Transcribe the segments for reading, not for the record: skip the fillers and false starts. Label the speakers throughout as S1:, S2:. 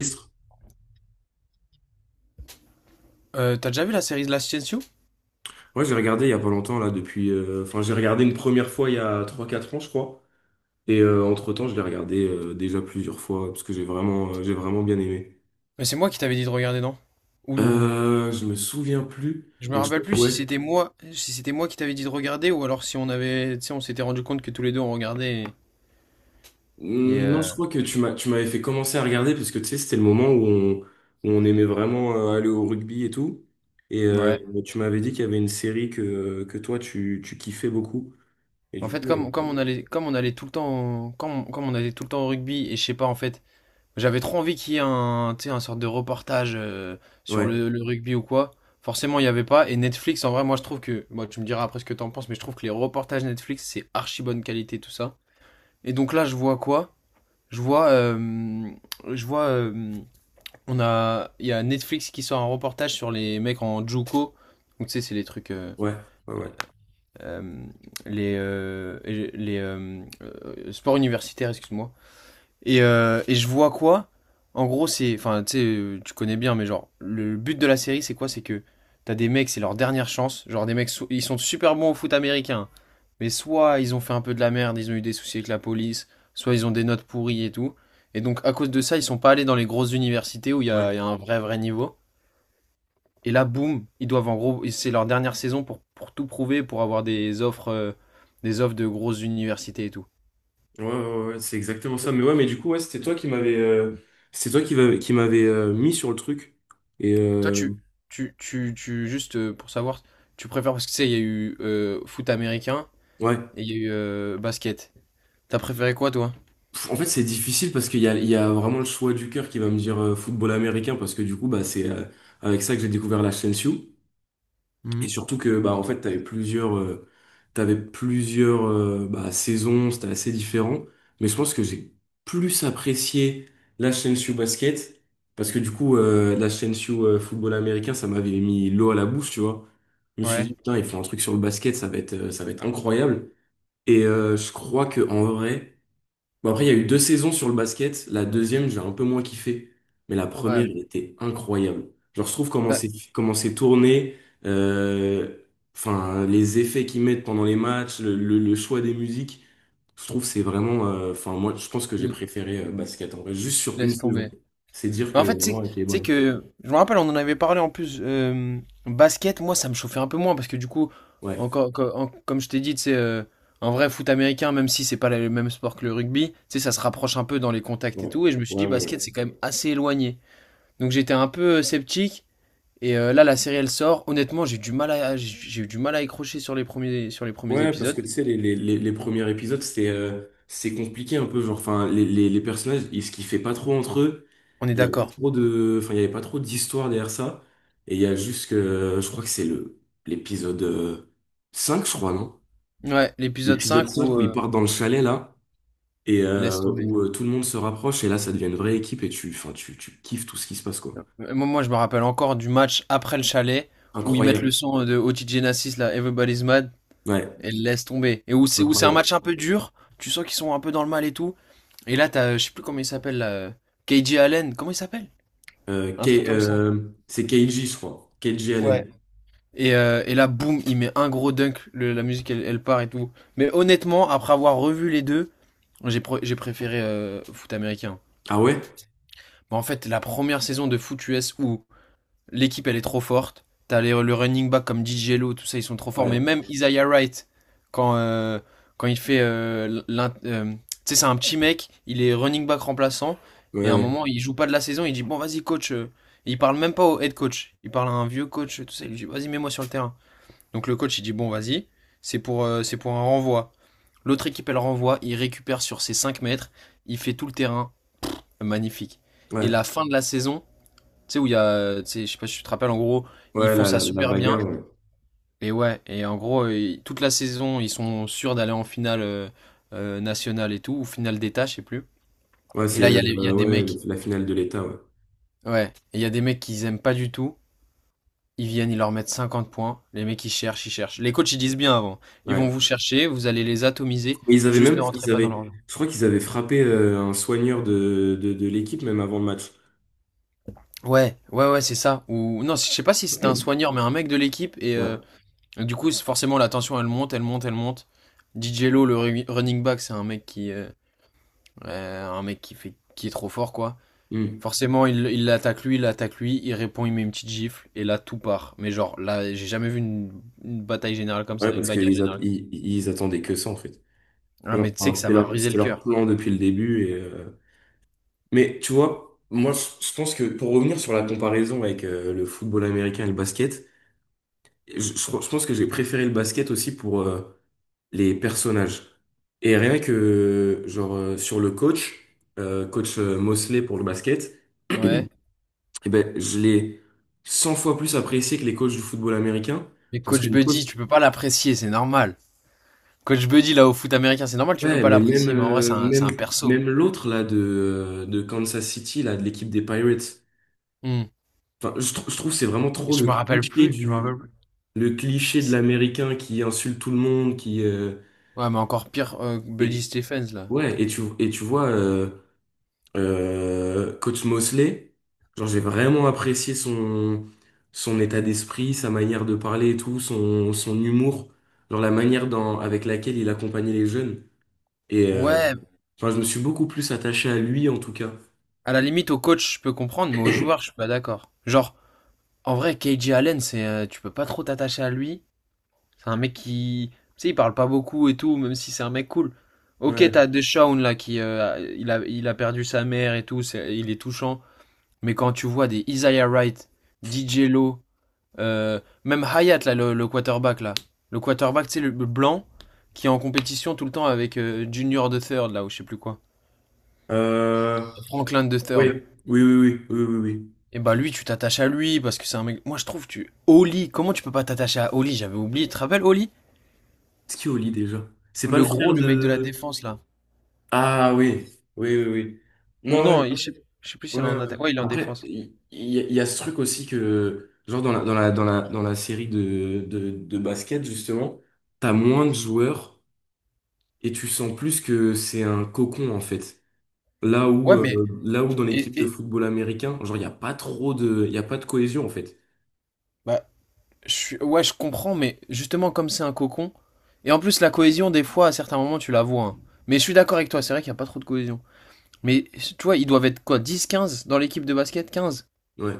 S1: Ministre.
S2: T'as déjà vu la série de l'Ascension?
S1: Ouais, j'ai regardé il y a pas longtemps là depuis enfin j'ai regardé une première fois il y a trois quatre ans je crois et entre-temps je l'ai regardé déjà plusieurs fois parce que j'ai vraiment bien aimé.
S2: Mais c'est moi qui t'avais dit de regarder, non? Ou, ou-
S1: Je me souviens plus
S2: je me
S1: mais je
S2: rappelle
S1: crois que
S2: plus si
S1: ouais.
S2: c'était moi, qui t'avais dit de regarder ou alors si on avait, tu sais, on s'était rendu compte que tous les deux on regardait et,
S1: Hmm, non, je
S2: euh,
S1: crois que tu m'avais fait commencer à regarder parce que tu sais c'était le moment où on aimait vraiment aller au rugby et tout et
S2: ouais.
S1: tu m'avais dit qu'il y avait une série que toi tu kiffais beaucoup et
S2: En
S1: du
S2: fait,
S1: coup
S2: comme on allait, comme on allait tout le temps, comme on allait tout le temps au rugby et je sais pas en fait, j'avais trop envie qu'il y ait un, tu sais, un sorte de reportage sur
S1: ouais,
S2: le rugby ou quoi. Forcément, il y avait pas. Et Netflix, en vrai, moi je trouve que, moi tu me diras après ce que t'en penses, mais je trouve que les reportages Netflix c'est archi bonne qualité tout ça. Et donc là, je vois quoi? Je vois, euh, je vois, euh, il y a Netflix qui sort un reportage sur les mecs en JUCO. Donc, tu sais, c'est les trucs,
S1: ouais, ouais,
S2: euh, les sports universitaires, excuse-moi. Et je vois quoi? En gros, c'est. Enfin, tu sais, tu connais bien, mais genre, le but de la série, c'est quoi? C'est que t'as des mecs, c'est leur dernière chance. Genre, des mecs, ils sont super bons au foot américain. Mais soit ils ont fait un peu de la merde, ils ont eu des soucis avec la police, soit ils ont des notes pourries et tout. Et donc, à cause de ça, ils sont pas allés dans les grosses universités où il y
S1: ouais.
S2: a, il y a un vrai, vrai niveau. Et là, boum, ils doivent en gros. C'est leur dernière saison pour, tout prouver, pour avoir des offres de grosses universités et tout.
S1: Ouais, ouais, ouais, c'est exactement ça. Mais ouais, mais du coup, ouais, c'est toi qui m'avais mis sur le truc. Et
S2: Toi,
S1: euh,
S2: juste pour savoir, tu préfères, parce que tu sais, il y a eu foot américain
S1: ouais.
S2: et il y a eu basket. T'as préféré quoi, toi?
S1: En fait, c'est difficile parce qu'il y a vraiment le choix du cœur qui va me dire football américain parce que du coup, bah, c'est avec ça que j'ai découvert la chaîne LSU. Et
S2: Mhm.
S1: surtout que bah en fait t'avais plusieurs bah, saisons, c'était assez différent. Mais je pense que j'ai plus apprécié la Chelsea Basket parce que du coup la Chelsea football américain ça m'avait mis l'eau à la bouche, tu vois. Je me suis dit
S2: Ouais.
S1: putain, ils font un truc sur le basket, ça va être incroyable. Je crois que en vrai. Bon, après, il y a eu deux saisons sur le basket. La deuxième, j'ai un peu moins kiffé. Mais la première,
S2: Ouais.
S1: elle était incroyable. Genre, je trouve
S2: Ouais,
S1: comment c'est tourné, euh, enfin, les effets qu'ils mettent pendant les matchs, le choix des musiques. Je trouve que c'est vraiment. Enfin, moi, je pense que j'ai
S2: l-
S1: préféré basket en vrai, juste sur une
S2: laisse
S1: saison.
S2: tomber.
S1: C'est dire
S2: Mais
S1: que
S2: en fait, tu sais
S1: vraiment, elle
S2: tu
S1: était
S2: sais
S1: bonne.
S2: que, je me rappelle, on en avait parlé en plus, basket, moi, ça me chauffait un peu moins, parce que du coup,
S1: Ouais,
S2: encore, comme je t'ai dit, tu sais, un vrai foot américain, même si c'est pas le même sport que le rugby, tu sais, ça se rapproche un peu dans les contacts et
S1: ouais,
S2: tout, et je me suis
S1: ouais,
S2: dit,
S1: ouais,
S2: basket,
S1: ouais.
S2: c'est quand même assez éloigné. Donc j'étais un peu sceptique. Là, la série, elle sort. Honnêtement, j'ai eu du mal à accrocher sur les premiers
S1: Ouais, parce
S2: épisodes.
S1: que tu sais, les premiers épisodes, c'est compliqué un peu. Genre, enfin, les personnages, ils se kiffaient pas trop entre eux.
S2: On est
S1: Il y avait pas
S2: d'accord.
S1: trop de, enfin, il y avait pas trop d'histoire derrière ça. Et il y a juste que, je crois que c'est le l'épisode 5, je crois, non?
S2: Ouais, l'épisode
S1: L'épisode
S2: 5
S1: 5
S2: où,
S1: où ils partent dans le chalet, là, et
S2: laisse tomber.
S1: où tout le monde se rapproche, et là, ça devient une vraie équipe, et enfin, tu kiffes tout ce qui se passe, quoi.
S2: Euh, moi, je me rappelle encore du match après le chalet où ils mettent le
S1: Incroyable.
S2: son de Otis Genesis, là, Everybody's Mad,
S1: Ouais,
S2: et laisse tomber. Et où c'est un
S1: incroyable.
S2: match un peu dur. Tu sens qu'ils sont un peu dans le mal et tout. Et là, t'as, je sais plus comment il s'appelle, là, KJ Allen. Comment il s'appelle? Un truc comme ça.
S1: C'est Keiji, je crois. Keiji
S2: Ouais.
S1: Allen.
S2: Et là, boum, il met un gros dunk, la musique elle part et tout. Mais honnêtement, après avoir revu les deux, j'ai préféré foot américain.
S1: Ah ouais?
S2: Bon, en fait, la première saison de foot US où l'équipe elle est trop forte, t'as le running back comme DJ Lo, tout ça, ils sont trop forts.
S1: Ouais.
S2: Mais même Isaiah Wright, quand, euh, quand tu sais, c'est un petit mec, il est running back remplaçant,
S1: Ouais,
S2: et à un
S1: ouais.
S2: moment, il joue pas de la saison, il dit bon, vas-y, coach. Et il parle même pas au head coach, il parle à un vieux coach, tout ça, il lui dit vas-y, mets-moi sur le terrain. Donc le coach, il dit bon, vas-y, c'est pour un renvoi. L'autre équipe, elle renvoie, il récupère sur ses 5 mètres, il fait tout le terrain, magnifique. Et
S1: Ouais,
S2: la fin de la saison, tu sais, où tu sais, je sais pas si tu te rappelles, en gros, ils
S1: ouais,
S2: font
S1: la,
S2: ça
S1: la, la
S2: super bien.
S1: bagarre, ouais.
S2: Et ouais, et en gros, toute la saison, ils sont sûrs d'aller en finale nationale et tout, ou finale d'État, je sais plus.
S1: Ouais,
S2: Et
S1: c'est
S2: là, il y a des
S1: ouais,
S2: mecs,
S1: la finale de l'État, ouais.
S2: ouais, et il y a des mecs qu'ils aiment pas du tout. Ils viennent, ils leur mettent 50 points. Les mecs, ils cherchent, ils cherchent. Les coachs, ils disent bien avant. Ils vont
S1: Ouais.
S2: vous chercher, vous allez les atomiser.
S1: Mais ils avaient
S2: Juste
S1: même,
S2: ne rentrez
S1: ils
S2: pas dans leur
S1: avaient,
S2: jeu.
S1: je crois qu'ils avaient frappé un soigneur de l'équipe même avant le match.
S2: Ouais, ouais, ouais, c'est ça. Ou non, je sais pas si c'était un soigneur, mais un mec de l'équipe.
S1: Ouais.
S2: Du coup, forcément, la tension, elle monte, elle monte, elle monte. DJ Lo, le running back, c'est un mec qui fait, qui est trop fort, quoi.
S1: Hmm.
S2: Forcément, il l'attaque lui, il l'attaque lui, il répond, il met une petite gifle, et là, tout part. Mais genre, là, j'ai jamais vu une bataille générale comme
S1: Ouais,
S2: ça, une
S1: parce
S2: bagarre
S1: qu'ils at-
S2: générale.
S1: ils, ils attendaient que ça, en fait.
S2: Ah,
S1: Genre,
S2: mais tu sais
S1: enfin,
S2: que ça
S1: c'était
S2: m'a
S1: leur,
S2: brisé
S1: c'était
S2: le
S1: leur
S2: cœur.
S1: plan depuis le début. Mais tu vois, moi, je pense que pour revenir sur la comparaison avec le football américain et le basket, je, je, je pense que j'ai préféré le basket aussi pour, les personnages. Et rien que, genre, sur coach Mosley pour le basket, eh
S2: Ouais.
S1: ben, je l'ai 100 fois plus apprécié que les coachs du football américain.
S2: Mais
S1: Parce que
S2: Coach
S1: les coachs,
S2: Buddy, tu peux pas l'apprécier, c'est normal. Coach Buddy, là, au foot américain, c'est normal, tu peux
S1: ouais,
S2: pas
S1: mais
S2: l'apprécier, mais en vrai, c'est un, c'est
S1: même,
S2: un perso.
S1: même l'autre, là, de Kansas City, là, de l'équipe des Pirates.
S2: Hmm.
S1: Enfin, je trouve que c'est vraiment trop
S2: Je me rappelle plus, je me rappelle plus.
S1: le cliché de l'américain qui insulte tout le monde,
S2: Ouais, mais encore pire, Buddy
S1: et,
S2: Stephens, là.
S1: ouais, et tu vois, coach Mosley, genre j'ai vraiment apprécié son état d'esprit, sa manière de parler et tout, son humour, genre la manière avec laquelle il accompagnait les jeunes. Et euh,
S2: Ouais,
S1: enfin, je me suis beaucoup plus attaché à lui en tout cas.
S2: à la limite, au coach, je peux comprendre, mais au joueur, je suis pas d'accord. Genre, en vrai, KJ Allen, tu peux pas trop t'attacher à lui. C'est un mec qui, tu sais, il parle pas beaucoup et tout, même si c'est un mec cool. Ok,
S1: Ouais.
S2: t'as Deshaun, là, qui, il a perdu sa mère et tout, il est touchant. Mais quand tu vois des Isaiah Wright, DJ Lowe, même Hayat, là, le quarterback, là. Le quarterback, tu sais, le blanc, qui est en compétition tout le temps avec Junior de Third, là, ou je sais plus quoi.
S1: Euh,
S2: Franklin de Third.
S1: ouais. Oui, oui, oui, oui, oui, oui.
S2: Et bah lui, tu t'attaches à lui parce que c'est un mec. Moi, je trouve, tu. Oli, comment tu peux pas t'attacher à Oli? J'avais oublié. Tu te rappelles Oli?
S1: C'est qui Oli déjà? C'est pas le
S2: Le
S1: frère
S2: gros, le mec de la
S1: de...
S2: défense, là.
S1: Ah oui, oui, oui, oui.
S2: Ou
S1: Non, ouais.
S2: non, je sais plus s'il est
S1: Ouais,
S2: en
S1: ouais.
S2: attaque. Ouais, il est en
S1: Après,
S2: défense.
S1: il y a ce truc aussi que, genre dans la série de basket, justement, t'as moins de joueurs et tu sens plus que c'est un cocon, en fait. Là où,
S2: Ouais, mais.
S1: euh, là où dans
S2: Et,
S1: l'équipe de
S2: et-
S1: football américain, genre, il y a pas de cohésion, en fait.
S2: Bah, ouais, je comprends, mais justement, comme c'est un cocon. Et en plus, la cohésion, des fois, à certains moments, tu la vois, hein. Mais je suis d'accord avec toi, c'est vrai qu'il n'y a pas trop de cohésion. Mais tu vois, ils doivent être quoi, 10 15 dans l'équipe de basket? 15.
S1: Ouais.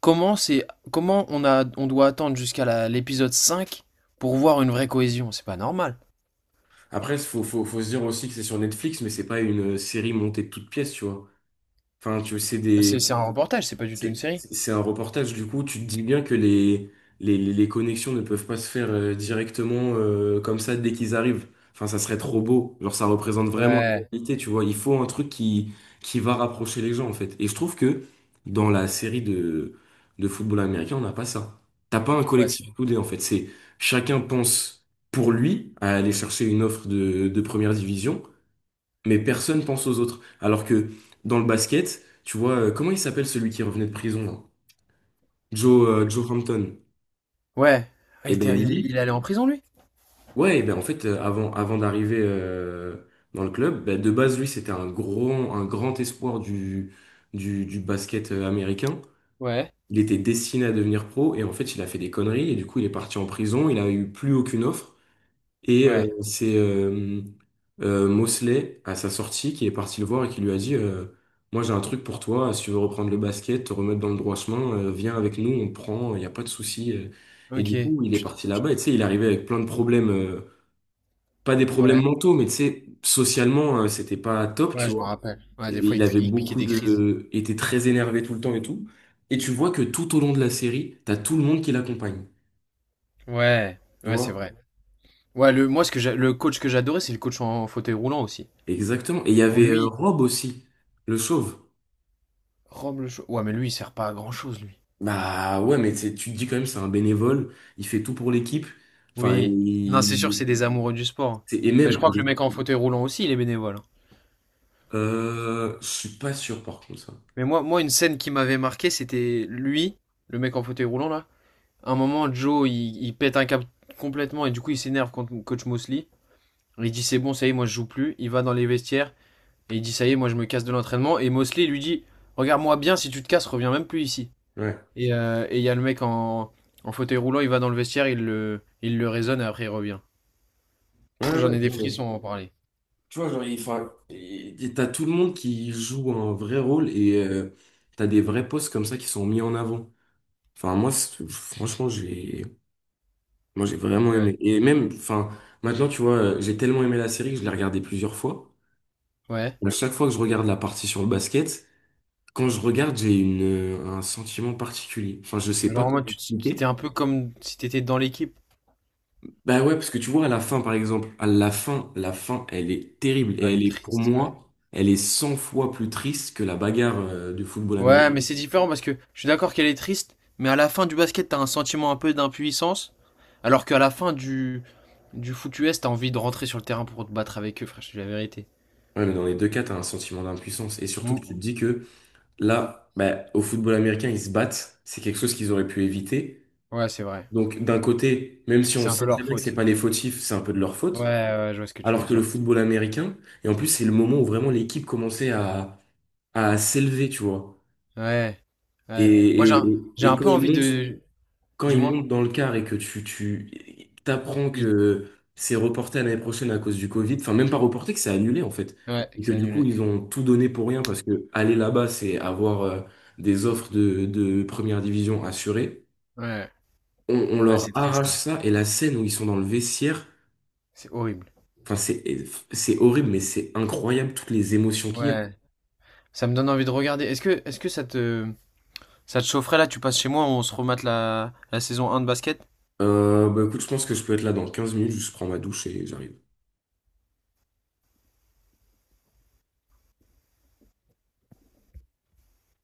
S2: Comment c'est, comment on doit attendre jusqu'à l'épisode 5 pour voir une vraie cohésion? C'est pas normal.
S1: Après, faut se dire aussi que c'est sur Netflix, mais c'est pas une série montée de toutes pièces, tu vois. Enfin, tu sais,
S2: C'est un reportage, c'est pas du tout une
S1: C'est
S2: série.
S1: c'est un reportage, du coup, tu te dis bien que les connexions ne peuvent pas se faire directement comme ça dès qu'ils arrivent. Enfin, ça serait trop beau. Genre, ça représente vraiment la
S2: Ouais,
S1: réalité, tu vois. Il faut un truc qui va rapprocher les gens, en fait. Et je trouve que dans la série de football américain, on n'a pas ça. T'as pas un
S2: ouais, c'est.
S1: collectif soudé, en fait. C'est chacun pense pour lui à aller chercher une offre de première division mais personne pense aux autres. Alors que dans le basket, tu vois, comment il s'appelle celui qui revenait de prison là? Joe Hampton.
S2: Ouais. Ah, Il
S1: Et ben
S2: était- il est,
S1: lui,
S2: il est allé en prison, lui?
S1: ouais, et ben en fait, avant d'arriver dans le club, ben, de base, lui, c'était un grand espoir du basket américain.
S2: Ouais.
S1: Il était destiné à devenir pro et en fait, il a fait des conneries et du coup, il est parti en prison. Il a eu plus aucune offre. Et
S2: Ouais.
S1: c'est Mosley, à sa sortie, qui est parti le voir et qui lui a dit moi, j'ai un truc pour toi. Si tu veux reprendre le basket, te remettre dans le droit chemin, viens avec nous, on te prend, il n'y a pas de souci. Et du
S2: Ok.
S1: coup, il est
S2: Chut.
S1: parti là-bas. Et tu sais, il arrivait avec plein de problèmes, pas des problèmes
S2: Ouais,
S1: mentaux, mais tu sais, socialement, c'était pas top,
S2: ouais,
S1: tu
S2: je me
S1: vois.
S2: rappelle. Ouais,
S1: Et
S2: des fois,
S1: Il
S2: il,
S1: avait
S2: il piquait
S1: beaucoup
S2: des crises.
S1: de. Était très énervé tout le temps et tout. Et tu vois que tout au long de la série, t'as tout le monde qui l'accompagne.
S2: Ouais,
S1: Tu
S2: ouais, c'est
S1: vois?
S2: vrai. Ouais, le coach que j'adorais, c'est le coach en fauteuil roulant aussi.
S1: Exactement. Et il y
S2: Où
S1: avait
S2: lui.
S1: Rob aussi, le chauve.
S2: Ouais, mais lui, il sert pas à grand-chose, lui.
S1: Bah ouais, mais tu te dis quand même, c'est un bénévole, il fait tout pour l'équipe. Enfin,
S2: Oui. Non, c'est sûr,
S1: il,
S2: c'est des amoureux du sport.
S1: c'est- et
S2: Mais je
S1: même,
S2: crois
S1: il
S2: que le mec en
S1: est-
S2: fauteuil roulant aussi, il est bénévole, hein.
S1: je suis pas sûr par contre ça.
S2: Mais moi, une scène qui m'avait marqué, c'était lui, le mec en fauteuil roulant, là. À un moment, Joe, il pète un câble complètement et du coup, il s'énerve contre coach Mosley. Il dit, c'est bon, ça y est, moi, je joue plus. Il va dans les vestiaires et il dit, ça y est, moi, je me casse de l'entraînement. Et Mosley lui dit, regarde-moi bien, si tu te casses, reviens même plus ici.
S1: Ouais,
S2: Et il y a le mec en fauteuil roulant, il va dans le vestiaire, il le raisonne et après il revient. Pff,
S1: ouais, ouais.
S2: j'en ai des
S1: Non, mais
S2: frissons à en parler.
S1: tu vois, genre, t'as tout le monde qui joue un vrai rôle et t'as des vrais postes comme ça qui sont mis en avant. Enfin, moi, franchement, moi, j'ai vraiment
S2: Ouais.
S1: aimé. Et même, enfin, maintenant, tu vois, j'ai tellement aimé la série que je l'ai regardée plusieurs fois.
S2: Ouais.
S1: À chaque fois que je regarde la partie sur le basket, quand je regarde, j'ai un sentiment particulier. Enfin, je sais pas
S2: Genre en
S1: comment
S2: mode, tu t'étais
S1: expliquer.
S2: un peu comme si t'étais dans l'équipe.
S1: Bah ouais, parce que tu vois, à la fin, par exemple, à la fin, elle est terrible.
S2: Ah,
S1: Et
S2: elle est
S1: pour
S2: triste, ouais.
S1: moi, elle est 100 fois plus triste que la bagarre, du football
S2: Ouais, mais
S1: américain.
S2: c'est différent parce que je suis d'accord qu'elle est triste, mais à la fin du basket, t'as un sentiment un peu d'impuissance, alors qu'à la fin du foot US, t'as envie de rentrer sur le terrain pour te battre avec eux, frère, je te dis la vérité.
S1: Ouais, mais dans les deux cas, t'as un sentiment d'impuissance. Et surtout que tu te
S2: Mm.
S1: dis que là, bah, au football américain, ils se battent. C'est quelque chose qu'ils auraient pu éviter.
S2: Ouais, c'est vrai.
S1: Donc, d'un côté, même si on
S2: C'est un peu
S1: sait très
S2: leur
S1: bien que c'est
S2: faute.
S1: pas les fautifs, c'est un peu de leur
S2: Ouais,
S1: faute.
S2: ouais, je vois ce que tu veux
S1: Alors que le
S2: dire.
S1: football américain, et en plus, c'est le moment où vraiment l'équipe commençait à s'élever, tu vois.
S2: Ouais, ouais. Moi,
S1: Et, et,
S2: j'ai
S1: et
S2: un
S1: quand
S2: peu
S1: il
S2: envie
S1: monte,
S2: de...
S1: quand il
S2: Dis-moi.
S1: monte dans le car et que tu t'apprends
S2: Il-
S1: que c'est reporté à l'année prochaine à cause du Covid, enfin même pas reporté, que c'est annulé en fait.
S2: Ouais,
S1: Et
S2: que
S1: que
S2: c'est
S1: du coup,
S2: annulé.
S1: ils ont tout donné pour rien parce que aller là-bas, c'est avoir des offres de première division assurées.
S2: Ouais.
S1: On
S2: Ah,
S1: leur
S2: c'est triste,
S1: arrache
S2: hein.
S1: ça et la scène où ils sont dans le vestiaire,
S2: C'est horrible.
S1: enfin c'est, horrible, mais c'est incroyable toutes les émotions qu'il y a.
S2: Ouais. Ça me donne envie de regarder. Est-ce que ça te, chaufferait là? Tu passes chez moi, on se remate la saison 1 de basket?
S1: Bah écoute, je pense que je peux être là dans 15 minutes, je prends ma douche et j'arrive.